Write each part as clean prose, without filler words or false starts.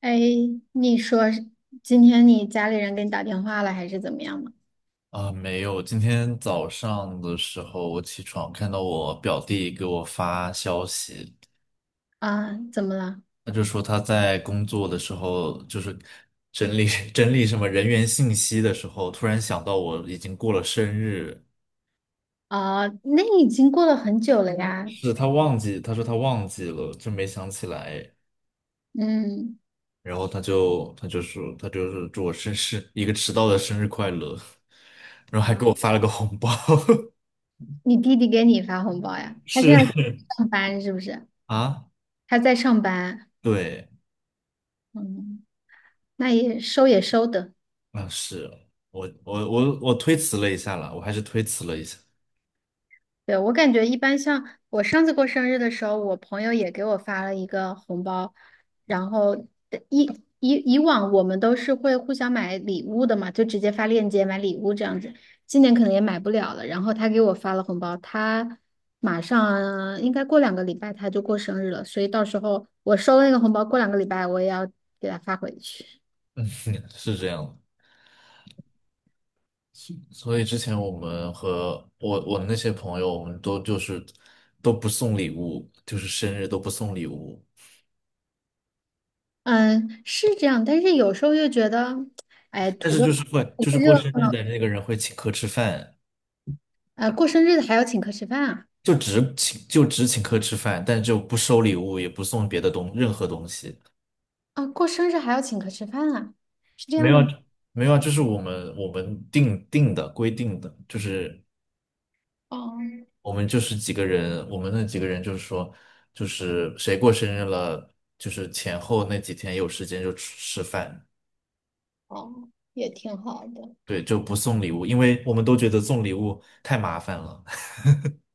哎，你说是今天你家里人给你打电话了，还是怎么样吗？啊，没有。今天早上的时候，我起床看到我表弟给我发消息，啊，怎么了？他就说他在工作的时候，就是整理 整理什么人员信息的时候，突然想到我已经过了生日，啊，那已经过了很久了呀。是他忘记，他说他忘记了，就没想起来。嗯，然后他就说他就是祝我生日一个迟到的生日快乐，然后还啊，给我发了个红包，你弟弟给你发红包呀？他现是 在上班是不是？啊，他在上班。对。嗯，那也收也收的。啊，是我推辞了一下啦，我还是推辞了一下，对，我感觉一般像我上次过生日的时候，我朋友也给我发了一个红包，然后呃以以往我们都是会互相买礼物的嘛，就直接发链接买礼物这样子。今年可能也买不了了，然后他给我发了红包，他马上应该过两个礼拜他就过生日了，所以到时候我收了那个红包，过两个礼拜我也要给他发回去。是这样的。所以之前我们和我那些朋友，我们就是都不送礼物，就是生日都不送礼物，嗯，是这样，但是有时候又觉得，哎，但图是个就是会图就个是过热生日闹，的那个人会请客吃饭，过生日还要请客吃饭啊。就只请客吃饭，但就不收礼物，也不送别的任何东西，啊，过生日还要请客吃饭啊？是这没样有的吗？没有啊就是我们定定的规定的，就是哦我们就是几个人，我们那几个人就是说，就是谁过生日了，就是前后那几天有时间就吃吃饭，哦，也挺好的。对，就不送礼物，因为我们都觉得送礼物太麻烦了。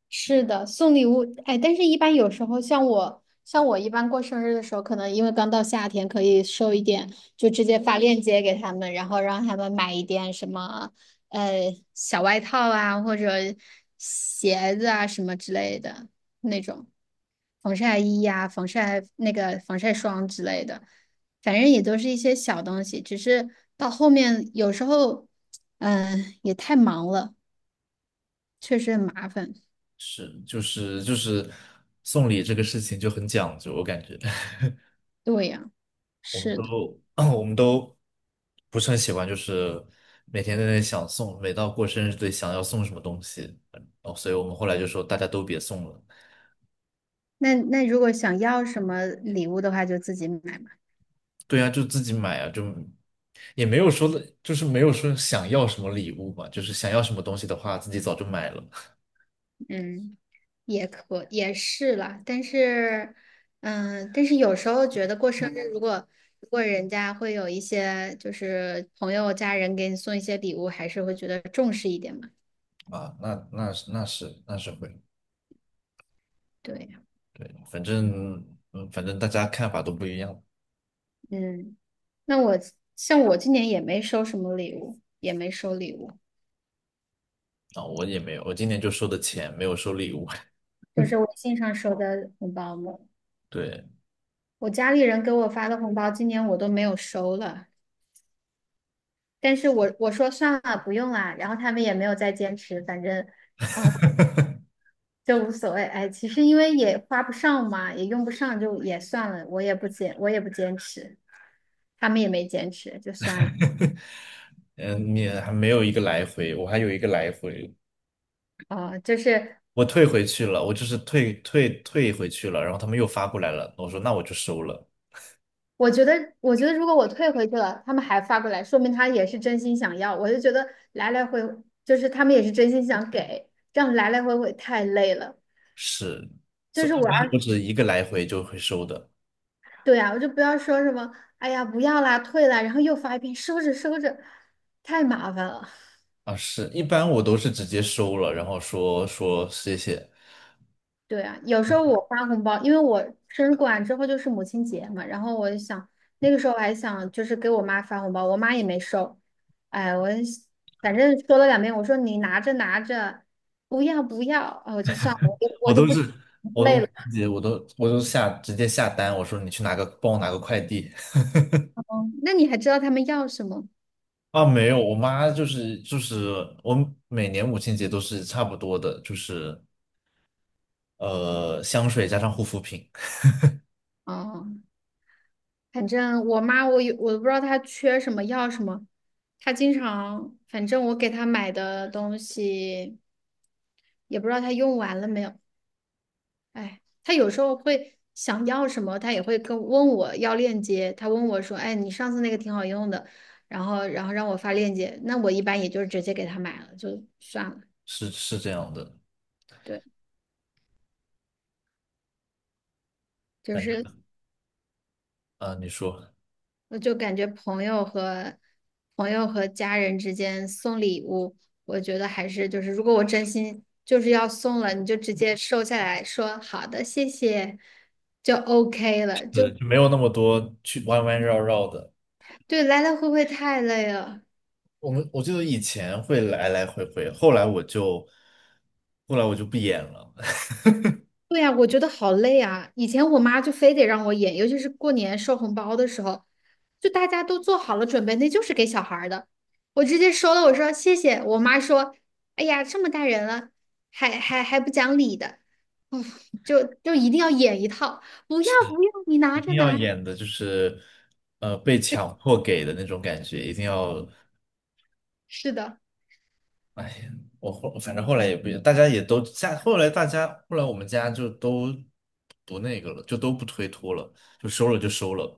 是的，送礼物，哎，但是一般有时候像我，像我一般过生日的时候，可能因为刚到夏天，可以收一点，就直接发链接给他们，然后让他们买一点什么，呃，小外套啊，或者鞋子啊什么之类的那种，防晒衣呀、防晒那个防晒霜之类的，反正也都是一些小东西，只是到后面有时候，嗯、也太忙了，确实很麻烦。是，就是送礼这个事情就很讲究，我感觉 对呀、我们是的。都 我们都不是很喜欢，就是每天在那里想送，每到过生日得想要送什么东西，所以我们后来就说大家都别送了。那如果想要什么礼物的话，就自己买嘛。对呀，就自己买啊，就也没有说的，就是没有说想要什么礼物嘛，就是想要什么东西的话，自己早就买了嗯，也可也是啦，但是，嗯，但是有时候觉得过生日，如果人家会有一些就是朋友家人给你送一些礼物，还是会觉得重视一点嘛。啊。那是会，对，反正反正大家看法都不一样嗯，那我像我今年也没收什么礼物，也没收礼物，啊。我也没有，我今年就收的钱，没有收礼物。就是微信上收的红包嘛。对，我家里人给我发的红包，今年我都没有收了。但是我说算了，不用啦，然后他们也没有再坚持，反正，嗯，就无所谓。哎，其实因为也花不上嘛，也用不上，就也算了，我也不坚，我也不坚持，他们也没坚持，就算了。嗯，你还没有一个来回，我还有一个来回，哦、就是我退回去了，我就是退回去了，然后他们又发过来了，我说那我就收了，我觉得，我觉得如果我退回去了，他们还发过来，说明他也是真心想要。我就觉得来来回，就是他们也是真心想给，这样来来回回太累了。是，就所是以一我般都是一个来回就会收的。对呀，我就不要说什么，哎呀，不要啦，退啦，然后又发一遍，收着收着，太麻烦了。啊，是，一般我都是直接收了，然后说说谢谢，对啊，有时候我发红包，因为我生日过完之后就是母亲节嘛，然后我就想那个时候我还想就是给我妈发红包，我妈也没收，哎，我反正说了两遍，我说你拿着拿着，不要不要，啊，我就算了，我就我我就都不是，我累都了。直接我都我都直接下单，我说你去帮我拿个快递 哦，那你还知道他们要什么？啊，没有，我妈就是我每年母亲节都是差不多的，就是香水加上护肤品，哦。反正我妈我有我不知道她缺什么要什么，她经常反正我给她买的东西也不知道她用完了没有。哎，她有时候会想要什么，她也会跟问我要链接。她问我说：“哎，你上次那个挺好用的。”然后让我发链接，那我一般也就直接给她买了，就算了。是是这样的对，就感觉是啊，你说我就感觉朋友和家人之间送礼物，我觉得还是就是，如果我真心就是要送了，你就直接收下来说好的，谢谢，就 OK 了。就对，就没有那么多去弯弯绕绕的，对，来来回回太累了。我记得以前会来来回回，后来我就不演了。对呀，我觉得好累啊！以前我妈就非得让我演，尤其是过年收红包的时候，就大家都做好了准备，那就是给小孩儿的。我直接收了，我说谢谢。我妈说：“哎呀，这么大人了，还不讲理的。”就一定要演一套，不要不要，你拿一着定要拿。演的就是被强迫给的那种感觉，一定要是的，反正后来也不，大家也都家后来大家后来我们家就都不那个了，就都不推脱了，就收了就收了，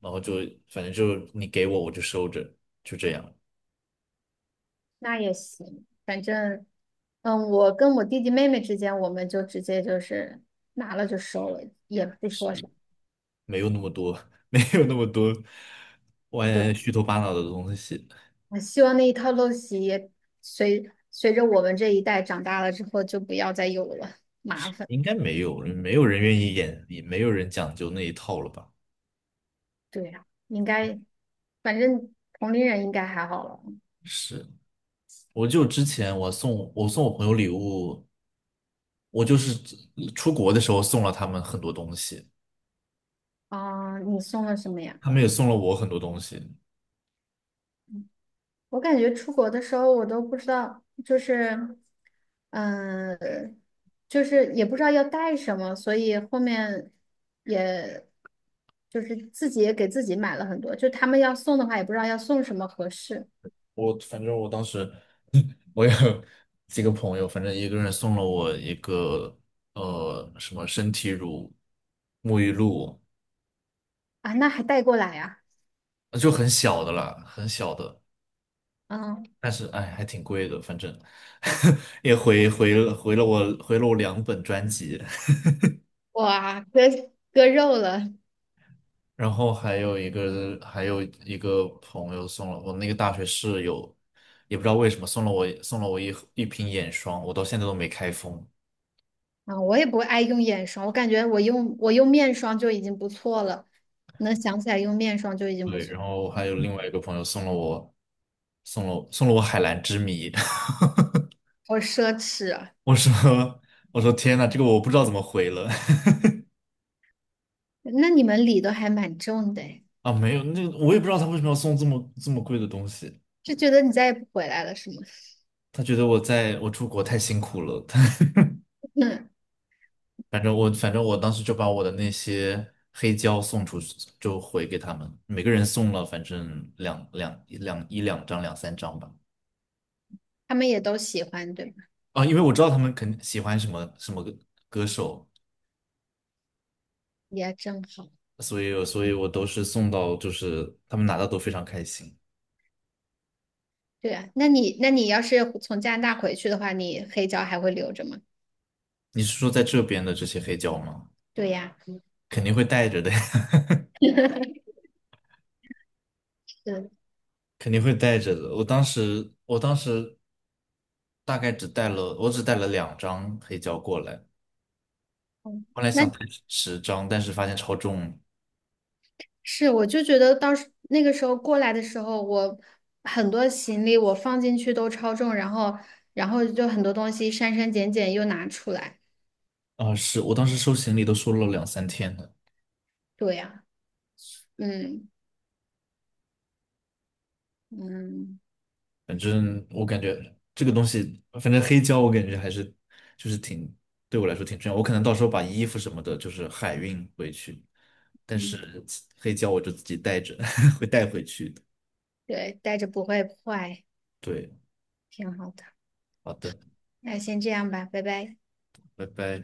然后就反正就你给我我就收着，就这样，那也行，反正，嗯，我跟我弟弟妹妹之间，我们就直接就是拿了就收了，也不说啥。没有那么多 没有那么多歪就歪虚头巴脑的东西，我希望那一套陋习也随着我们这一代长大了之后，就不要再有了，麻烦。应该没有，没有人愿意演，也没有人讲究那一套了吧？对呀，应该，反正同龄人应该还好了。是。我就之前我送我朋友礼物，我就是出国的时候送了他们很多东西，啊、你送了什么呀？他们也送了我很多东西。我感觉出国的时候，我都不知道，就是，嗯、就是也不知道要带什么，所以后面也，就是自己也给自己买了很多，就他们要送的话，也不知道要送什么合适反正我当时 我有几个朋友，反正一个人送了我一个什么身体乳、沐浴露，啊，那还带过来呀、就很小的啦，很小的，啊嗯。但是哎还挺贵的，反正 也回了我两本专辑。哇，割肉了，然后还有一个朋友送了我那个大学室友，也不知道为什么送了我一瓶眼霜，我到现在都没开封。啊，我也不爱用眼霜，我感觉我用面霜就已经不错了，能想起来用面霜就已经不对，错，然后还有另外一个朋友送了我送了我海蓝之谜，好奢侈啊！我说我说天呐，这个我不知道怎么回了 那你们理都还蛮重的诶 啊，没有，那个我也不知道他为什么要送这么贵的东西，就觉得你再也不回来了，是吗？他觉得我在我出国太辛苦了。嗯，反正我当时就把我的那些黑胶送出去，就回给他们，每个人送了反正两三张吧。他们也都喜欢，对吧？啊，因为我知道他们肯喜欢什么什么歌手，也正好，所以我都是送到，就是他们拿到都非常开心。对啊。那你，那你要是从加拿大回去的话，你黑胶还会留着吗？你是说在这边的这些黑胶吗？对呀，肯定会带着的，是，肯定会带着的。我当时大概只带了两张黑胶过来，嗯后来那想带10张，但是发现超重。是，我就觉得到时那个时候过来的时候，我很多行李我放进去都超重，然后，然后就很多东西删减又拿出来，啊，是我当时收行李都收了两三天呢，对呀，嗯嗯反正我感觉这个东西，反正黑胶我感觉还是就是对我来说挺重要，我可能到时候把衣服什么的，就是海运回去，但嗯，是黑胶我就自己带着 会带回去的。对，带着不会坏，对，挺好的。好的，那先这样吧，拜拜。拜拜。